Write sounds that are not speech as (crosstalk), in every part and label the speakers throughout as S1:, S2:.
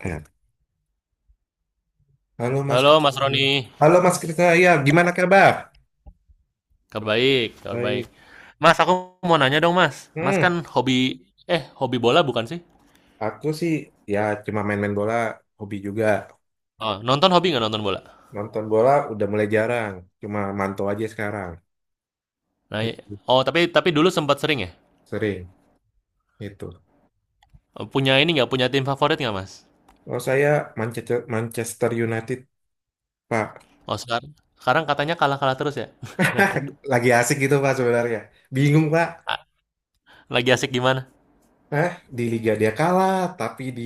S1: Ya. Halo Mas
S2: Halo Mas
S1: Krisna.
S2: Roni,
S1: Halo Mas Krisna, ya gimana kabar?
S2: kabar baik, kabar baik.
S1: Baik.
S2: Mas, aku mau nanya dong Mas. Mas
S1: Hmm,
S2: kan hobi bola bukan sih?
S1: aku sih ya cuma main-main bola, hobi juga.
S2: Oh, nonton hobi nggak nonton bola?
S1: Nonton bola udah mulai jarang, cuma mantau aja sekarang.
S2: Nah, i-
S1: Itu
S2: oh tapi dulu sempat sering ya.
S1: sering itu.
S2: Oh, punya ini nggak punya tim favorit nggak Mas?
S1: Oh saya Manchester Manchester United, Pak.
S2: Oh sekarang, sekarang katanya kalah-kalah terus ya.
S1: (laughs) Lagi asik gitu Pak sebenarnya. Bingung Pak.
S2: A- Lagi asik gimana?
S1: Hah? Di Liga dia kalah, tapi di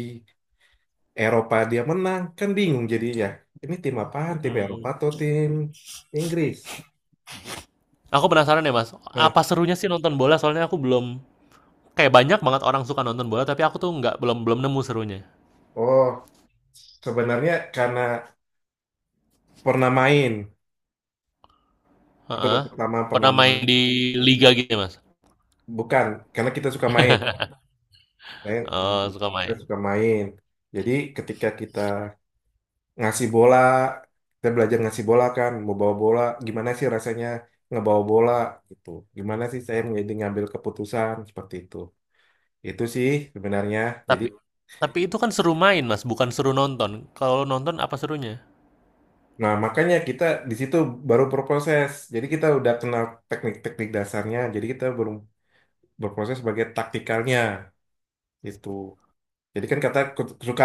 S1: Eropa dia menang. Kan bingung jadinya. Ini tim apaan? Tim Eropa
S2: Hmm.
S1: atau tim Inggris?
S2: Aku penasaran ya Mas.
S1: Nah,
S2: Apa serunya sih nonton bola? Soalnya aku belum kayak banyak banget orang suka nonton bola, tapi aku tuh nggak belum belum nemu serunya.
S1: oh. Sebenarnya karena pernah main itu
S2: Heeh.
S1: pertama pernah
S2: Pernah
S1: main.
S2: main di liga gitu ya Mas?
S1: Bukan karena kita suka main. Saya
S2: Oh, suka
S1: kita
S2: main.
S1: suka main. Jadi ketika kita ngasih bola, kita belajar ngasih bola kan, mau bawa bola, gimana sih rasanya ngebawa bola gitu. Gimana sih saya menjadi ngambil keputusan seperti itu. Itu sih sebenarnya. Jadi
S2: Tapi tapi itu kan seru main, Mas, bukan seru nonton. Kalau nonton apa serunya?
S1: nah makanya kita di situ baru berproses. Jadi kita udah kenal teknik-teknik dasarnya. Jadi kita belum berproses sebagai taktikalnya itu. Jadi kan kata suka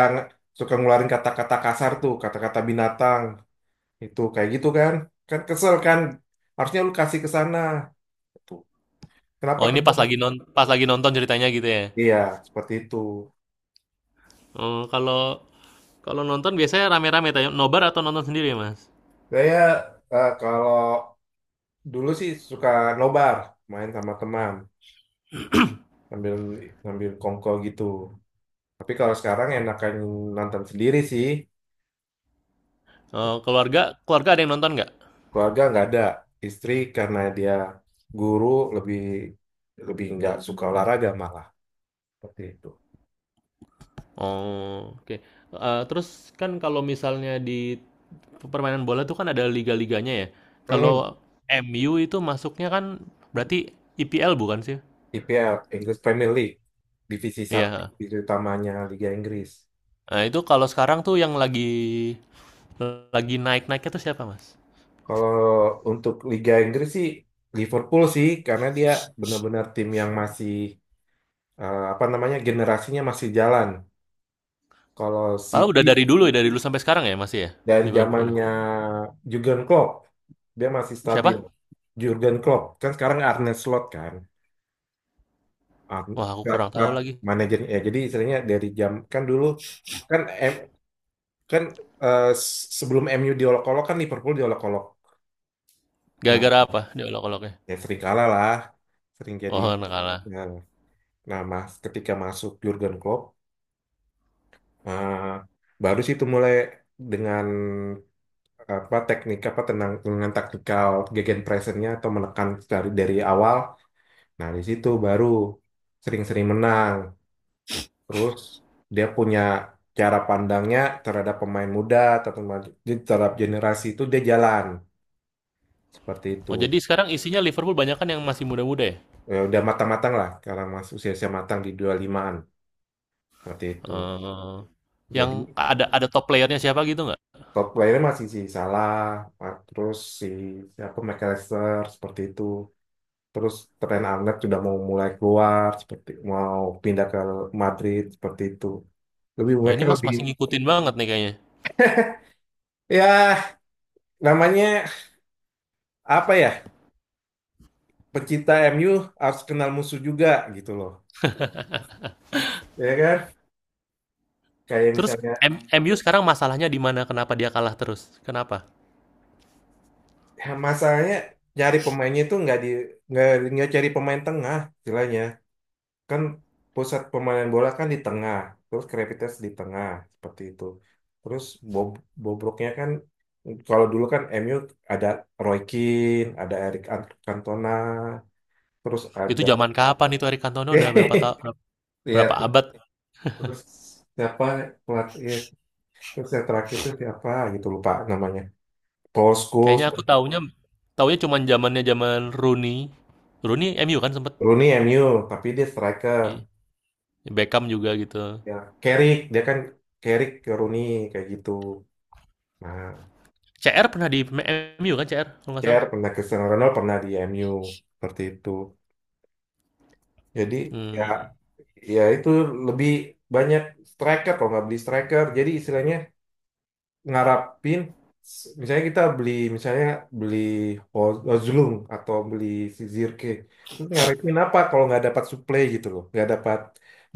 S1: suka ngeluarin kata-kata kasar tuh, kata-kata binatang itu kayak gitu kan. Kan kesel kan. Harusnya lu kasih ke sana. Tuh. Kenapa
S2: Oh, ini
S1: kamu?
S2: pas lagi nonton ceritanya gitu ya.
S1: Iya, seperti itu.
S2: Oh, kalau kalau nonton biasanya rame-rame tanya nobar atau nonton sendiri ya, Mas?
S1: Saya kalau dulu sih suka nobar, main sama teman, sambil ngambil kongko gitu. Tapi kalau sekarang enakan nonton sendiri sih.
S2: Oh, keluarga keluarga ada yang nonton nggak?
S1: Keluarga nggak ada. Istri karena dia guru lebih lebih nggak suka olahraga malah seperti itu.
S2: Oh, oke. Terus kan kalau misalnya di permainan bola tuh kan ada liga-liganya ya.
S1: Hmm.
S2: Kalau MU itu masuknya kan berarti IPL bukan sih?
S1: IPL, English Premier League, divisi satu
S2: Iya.
S1: itu utamanya Liga Inggris.
S2: Nah, itu kalau sekarang tuh yang lagi naik-naiknya tuh siapa, Mas?
S1: Kalau untuk Liga Inggris sih Liverpool sih karena dia benar-benar tim yang masih apa namanya generasinya masih jalan. Kalau
S2: Padahal
S1: City
S2: udah dari dulu ya, dari dulu sampai sekarang ya masih ya
S1: dari
S2: Liverpool.
S1: zamannya Jurgen Klopp dia masih stabil.
S2: Siapa?
S1: Jurgen Klopp kan sekarang Arne Slot kan. Ar-
S2: Wah, aku
S1: Ar-
S2: kurang tahu
S1: Ar-
S2: lagi.
S1: manajernya ya jadi istilahnya dari jam kan dulu kan M, kan eh, s- sebelum MU diolok-olok kan Liverpool diolok-olok. Nah,
S2: Gara-gara apa diolok-oloknya?
S1: ya sering kalah lah, sering jadi.
S2: Oh, anak
S1: Ya. Nah, mas, ketika masuk Jurgen Klopp, eh, baru sih itu mulai dengan apa teknik apa tenang dengan taktikal gegenpressingnya atau menekan dari awal. Nah, di situ baru sering-sering menang. Terus dia punya cara pandangnya terhadap pemain muda atau pemain- jadi terhadap generasi itu dia jalan seperti itu.
S2: Oh, jadi sekarang isinya Liverpool banyak kan yang masih muda-muda ya?
S1: Ya, udah matang-matang lah, sekarang masuk usia-usia matang di 25-an seperti itu.
S2: Eh, yang
S1: Jadi
S2: ada top playernya siapa gitu nggak?
S1: top player masih si Salah, terus si siapa McAllister seperti itu. Terus Trent Alexander sudah mau mulai keluar seperti mau pindah ke Madrid seperti itu. Lebih
S2: Oh,
S1: mereka
S2: ini Mas
S1: lebih
S2: masih ngikutin banget nih kayaknya.
S1: ya namanya apa ya? Pecinta MU harus kenal musuh juga gitu loh. Ya kan? Kayak
S2: Terus
S1: misalnya
S2: MU sekarang masalahnya di mana? Kenapa dia kalah terus? Kenapa?
S1: ya masalahnya cari pemainnya itu nggak di nggak nggak cari pemain tengah istilahnya. Kan pusat pemain bola kan di tengah, terus Krepitas di tengah seperti itu. Terus Bob, Bobroknya kan kalau dulu kan MU ada Roy Keane, ada Cantona, terus
S2: Itu
S1: ada
S2: zaman kapan itu Eric Cantona udah
S1: (laughs)
S2: berapa
S1: ya
S2: abad?
S1: terus siapa pelatih ya, terus yang terakhir itu siapa gitu lupa namanya. Paul Scholes,
S2: Kayaknya aku taunya taunya cuman zaman Rooney. Rooney MU kan sempet.
S1: Rooney MU tapi dia striker.
S2: Beckham juga gitu.
S1: Ya, Carrick dia kan Carrick ke Rooney kayak gitu. Nah,
S2: CR pernah di MU kan, CR kalau nggak salah.
S1: Cher pernah Cristiano Ronaldo pernah di MU seperti itu. Jadi ya
S2: Hmm.
S1: ya itu lebih banyak striker kalau nggak beli striker. Jadi istilahnya ngarapin misalnya kita beli misalnya beli Hojlund atau beli si Zirke terus ngarepin apa kalau nggak dapat suplai gitu loh nggak dapat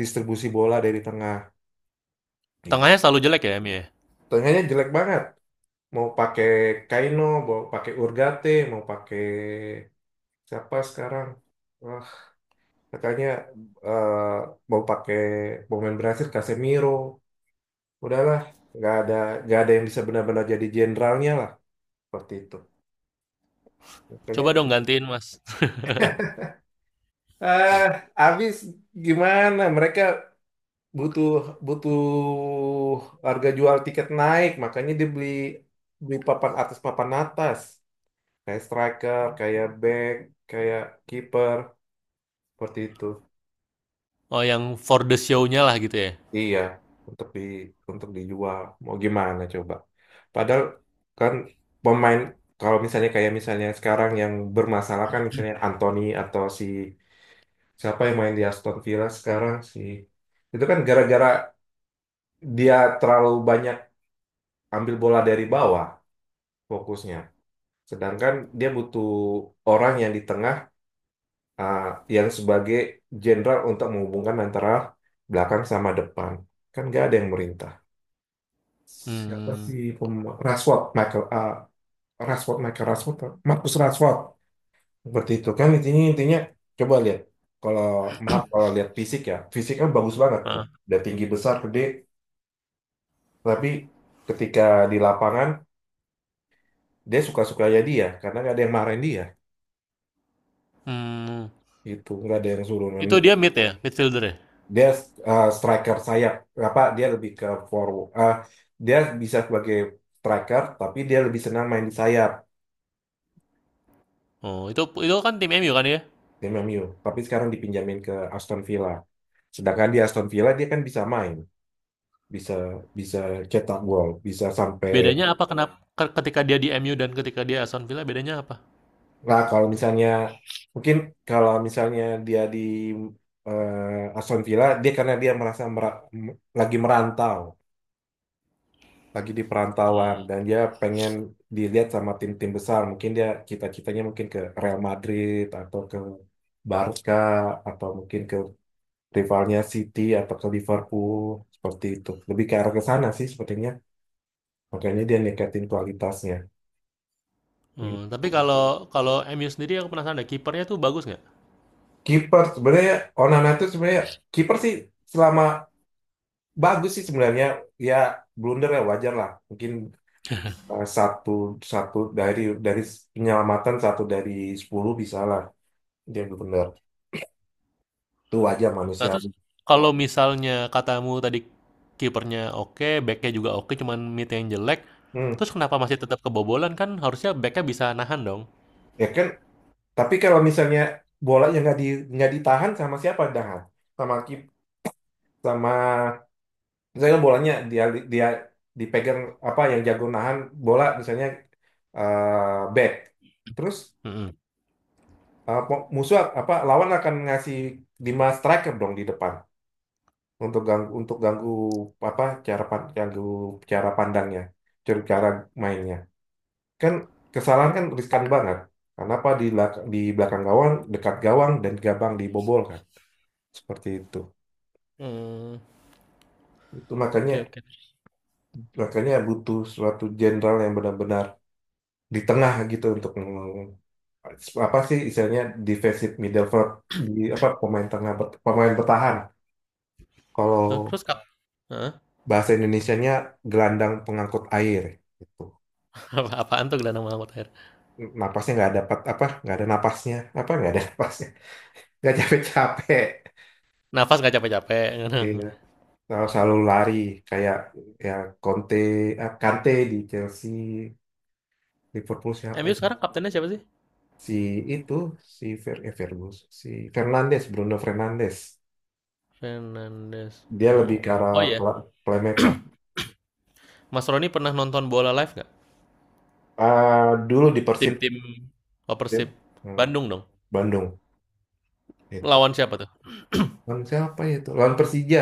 S1: distribusi bola dari tengah gitu.
S2: Tengahnya selalu jelek ya MU ya.
S1: Tengahnya jelek banget mau pakai Kaino mau pakai Urgate mau pakai siapa sekarang. Wah. Makanya eh, mau pakai mau main Brasil Casemiro, udahlah nggak ada nggak ada yang bisa benar-benar jadi jenderalnya lah seperti itu. Makanya
S2: Coba dong gantiin mas. (laughs)
S1: eh habis gimana mereka butuh butuh harga jual tiket naik, makanya dia beli beli papan atas kayak striker, kayak back, kayak kiper seperti itu.
S2: Oh yang for the show-nya lah gitu ya.
S1: Iya, untuk di untuk dijual. Mau gimana coba? Padahal kan pemain kalau misalnya kayak misalnya sekarang yang bermasalah kan misalnya Anthony atau si siapa yang main di Aston Villa sekarang si itu kan gara-gara dia terlalu banyak ambil bola dari bawah fokusnya. Sedangkan dia butuh orang yang di tengah ah, yang sebagai jenderal untuk menghubungkan antara belakang sama depan. Kan nggak ada yang merintah.
S2: Hmm.
S1: Berarti pem Rashford, Michael, ah, Rashford, Michael Rashford, Marcus Rashford. Seperti itu kan intinya intinya coba lihat. Kalau maaf kalau lihat fisik ya, fisiknya bagus banget tuh.
S2: Ah.
S1: Udah tinggi besar gede, tapi ketika di lapangan dia suka-suka ya dia karena nggak ada yang marahin dia
S2: Hmm.
S1: itu nggak ada yang suruh
S2: Itu dia mid ya, midfielder ya.
S1: dia striker sayap apa dia lebih ke forward dia bisa sebagai striker tapi dia lebih senang main di sayap
S2: Oh itu kan tim MU kan ya.
S1: tim MU. Tapi sekarang dipinjamin ke Aston Villa. Sedangkan di Aston Villa dia kan bisa main, bisa bisa cetak gol, bisa sampai.
S2: Bedanya apa, kenapa ketika dia di MU dan ketika dia Aston Villa bedanya apa?
S1: Nah kalau misalnya mungkin kalau misalnya dia di Aston Villa, dia karena dia merasa lagi merantau, lagi di perantauan dan dia pengen dilihat sama tim-tim besar. Mungkin dia cita-citanya mungkin ke Real Madrid atau ke Barca atau mungkin ke rivalnya City atau ke Liverpool seperti itu. Lebih ke arah ke sana sih sepertinya. Makanya dia ningkatin kualitasnya.
S2: Hmm, tapi
S1: Gitu.
S2: kalau kalau MU sendiri aku penasaran deh kipernya tuh bagus nggak?
S1: Kiper sebenarnya Onana itu sebenarnya kiper sih selama bagus sih sebenarnya ya blunder ya wajar lah. Mungkin satu satu dari penyelamatan satu dari 10 bisa lah dia blunder. Itu wajar
S2: Nah, terus
S1: manusiawi.
S2: kalau misalnya katamu tadi kipernya oke, backnya juga oke, cuman mid yang jelek,
S1: Hmm.
S2: terus kenapa masih tetap kebobolan kan? Harusnya backnya bisa nahan dong.
S1: Ya kan tapi kalau misalnya bolanya nggak ditahan sama siapa dah sama kip sama misalnya bolanya dia dia dipegang apa yang jago nahan bola misalnya back terus
S2: Mm-mm.
S1: musuh apa lawan akan ngasih 5 striker dong di depan untuk ganggu apa cara pandangnya cara cara mainnya kan kesalahan kan riskan banget karena apa di belakang gawang dekat gawang dan gabang dibobol kan seperti
S2: Hmm,
S1: itu makanya
S2: oke oke.
S1: makanya butuh suatu jenderal yang benar-benar di tengah gitu untuk apa sih istilahnya defensive midfield di apa pemain tengah pemain bertahan
S2: Terus,
S1: kalau
S2: terus kap- Hah?
S1: bahasa Indonesianya gelandang pengangkut air gitu
S2: (laughs) Apa- Apaan tuh gelandang Mahmud Air?
S1: napasnya nggak dapat apa nggak ada napasnya apa nggak ada (laughs) napasnya nggak capek-capek.
S2: Nafas nggak capek-capek. (laughs)
S1: Iya, selalu lari kayak ya Conte, Kante di Chelsea, Liverpool siapa?
S2: MU
S1: Ya?
S2: sekarang kaptennya siapa sih?
S1: Si itu si Fer, eh, Fergus, si Fernandes, Bruno Fernandes.
S2: Fernandes.
S1: Dia lebih
S2: Oh,
S1: ke arah
S2: oh iya.
S1: playmaker.
S2: Mas Roni pernah nonton bola live nggak?
S1: Ah, dulu di Persib.
S2: Tim-tim Oh, Persib
S1: Dia- hmm,
S2: Bandung dong.
S1: Bandung, itu.
S2: Lawan siapa tuh?
S1: Lawan siapa ya itu? Lawan Persija,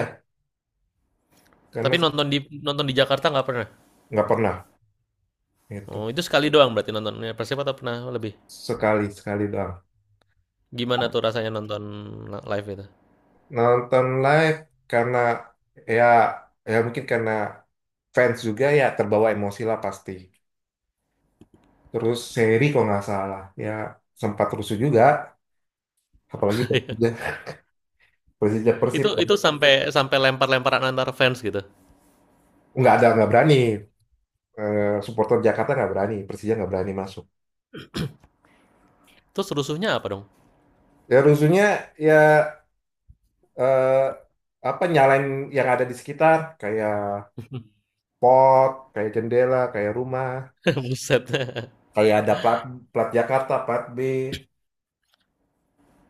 S1: karena
S2: Tapi
S1: se-
S2: nonton di Jakarta nggak pernah.
S1: nggak pernah, itu
S2: Oh, itu sekali doang berarti nontonnya Persib atau pernah lebih?
S1: sekali sekali doang.
S2: Gimana tuh rasanya nonton live itu?
S1: Nonton live karena ya ya mungkin karena fans juga ya terbawa emosi lah pasti. Terus seri kalau nggak salah ya sempat rusuh juga, apalagi Persija
S2: (laughs)
S1: Persija
S2: itu
S1: Persib kan.
S2: itu sampai sampai lempar-lemparan antar fans gitu.
S1: Nggak ada nggak berani supporter Jakarta nggak berani, Persija nggak berani masuk.
S2: Terus rusuhnya apa dong?
S1: Ya rusuhnya ya eh, apa nyalain yang ada di sekitar kayak pot, kayak jendela, kayak rumah,
S2: (laughs) Buset. (laughs)
S1: kayak ada plat plat Jakarta, plat B.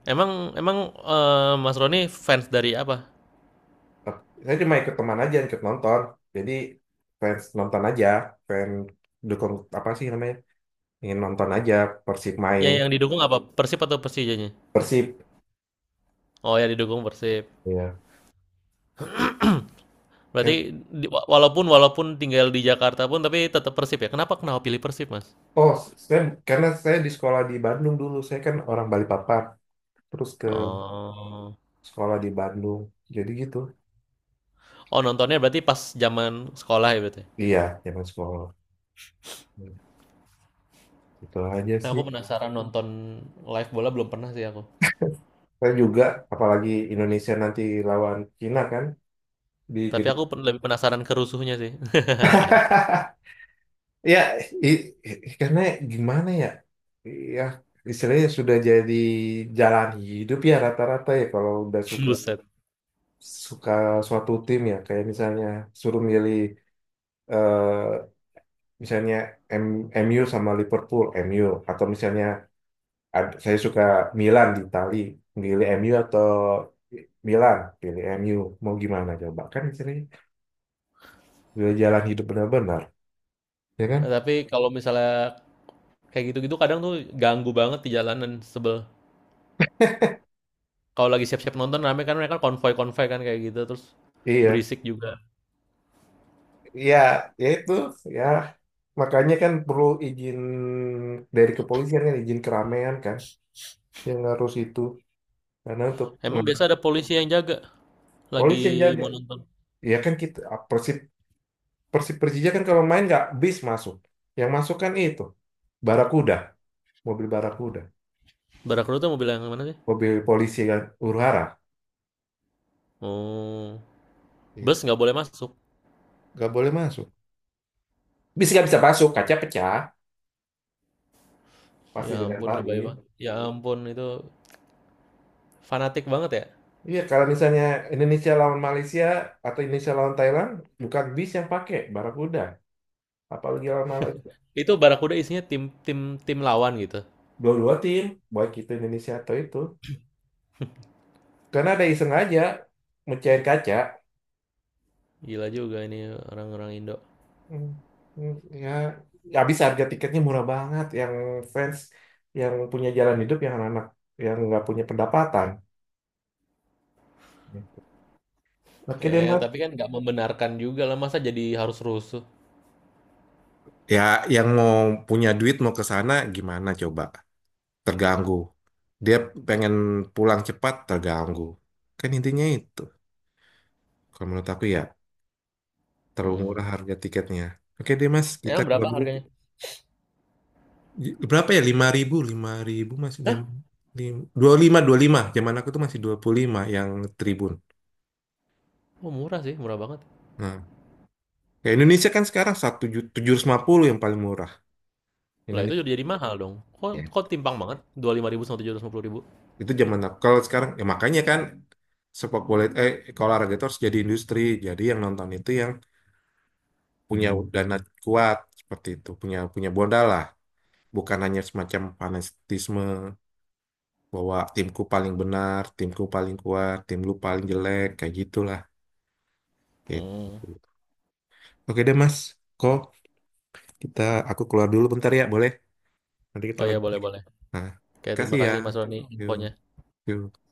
S2: emang emang eh, Mas Roni fans dari apa?
S1: Eh, saya cuma ikut teman aja, ikut nonton. Jadi fans nonton aja, fans dukung apa sih namanya? Ingin nonton aja Persib main.
S2: Yang didukung apa? Persib atau Persijanya?
S1: Persib.
S2: Oh ya didukung Persib.
S1: Iya.
S2: Berarti
S1: Kan
S2: walaupun walaupun tinggal di Jakarta pun tapi tetap Persib ya. Kenapa kenapa pilih Persib, Mas?
S1: oh, saya karena saya di sekolah di Bandung dulu, saya kan orang Balikpapan, terus ke
S2: Oh.
S1: sekolah di Bandung. Jadi gitu.
S2: Oh, nontonnya berarti pas zaman sekolah ya berarti.
S1: Iya, zaman sekolah. Itu aja
S2: Nah,
S1: sih.
S2: aku penasaran nonton live bola belum pernah sih aku.
S1: Saya juga, apalagi Indonesia nanti lawan Cina kan di
S2: Tapi
S1: gitu.
S2: aku lebih penasaran kerusuhnya sih.
S1: (laughs) Ya, karena gimana ya? Ya, istilahnya sudah jadi jalan hidup ya rata-rata ya kalau udah
S2: (laughs)
S1: suka
S2: Buset.
S1: suka suatu tim ya kayak misalnya suruh milih eh, misalnya MU sama Liverpool, MU atau misalnya saya suka Milan di Itali, milih MU atau Milan, pilih MU. Mau gimana coba? Kan sering udah jalan hidup benar-benar, ya kan?
S2: Nah, tapi kalau misalnya kayak gitu-gitu kadang tuh ganggu banget di jalanan sebel. Kalau lagi siap-siap nonton rame kan mereka konvoy-konvoy kan kayak gitu terus
S1: Iya,
S2: berisik juga.
S1: iya, ya itu, ya. Makanya kan perlu izin dari kepolisian kan, izin keramaian kan, yang harus itu. Karena untuk
S2: Emang biasa ada polisi yang jaga lagi
S1: polisi yang jaga,
S2: mau nonton.
S1: ya kan kita Persib Persib Persija kan kalau main nggak bis masuk, yang masuk kan itu Barakuda, Barakuda,
S2: Barakru tuh mobil yang mana sih?
S1: mobil polisi kan huru-hara.
S2: Oh,
S1: Gitu.
S2: bus nggak boleh masuk.
S1: Nggak boleh masuk. Bisa nggak bisa masuk, kaca pecah, pasti
S2: Ya ampun lebay
S1: dilemparin.
S2: banget. Ya ampun itu fanatik banget ya.
S1: Iya, kalau misalnya Indonesia lawan Malaysia atau Indonesia lawan Thailand, bukan bis yang pakai Barakuda. Apalagi lawan Malaysia.
S2: Itu Barakuda isinya tim tim tim lawan gitu.
S1: Dua-dua tim, baik itu Indonesia atau itu. Karena ada iseng aja mecahin kaca.
S2: Gila juga ini orang-orang Indo.
S1: Hmm, hmm, ya, habis harga tiketnya murah banget. Yang fans, yang punya jalan hidup, yang anak-anak, yang nggak punya pendapatan. Gitu. Oke deh,
S2: Eh, tapi
S1: Mas.
S2: kan nggak membenarkan juga lah masa jadi harus rusuh.
S1: Ya, yang mau punya duit mau ke sana gimana coba? Terganggu. Dia pengen pulang cepat, terganggu. Kan intinya itu. Kalau menurut aku ya, terlalu
S2: Hmm.
S1: murah harga tiketnya. Oke deh mas, kita
S2: Emang
S1: ke
S2: berapa
S1: dulu.
S2: harganya?
S1: Berapa ya? 5.000, 5.000 masih jam
S2: Hah?
S1: dua puluh lima. Zaman aku tuh masih 25 yang tribun.
S2: Oh, murah sih, murah banget.
S1: Nah, ya Indonesia kan sekarang satu 750 yang paling murah.
S2: Lah itu
S1: Indonesia.
S2: jadi mahal dong. Kok,
S1: Ya.
S2: kok timpang banget? 25.000 sama 750.000.
S1: Itu zaman aku. Kalau sekarang, ya makanya kan sepak bola, kalau olahraga itu harus jadi industri. Jadi yang nonton itu yang punya dana kuat seperti itu punya punya modal lah bukan hanya semacam fanatisme bahwa timku paling benar timku paling kuat tim lu paling jelek kayak gitulah
S2: Hmm.
S1: gitu. Oke deh mas kok kita aku keluar dulu bentar ya boleh nanti kita
S2: Oh ya,
S1: lanjut lagi.
S2: boleh-boleh.
S1: Nah,
S2: Oke, terima
S1: kasih ya
S2: kasih Mas Roni
S1: yuk
S2: infonya.
S1: yuk.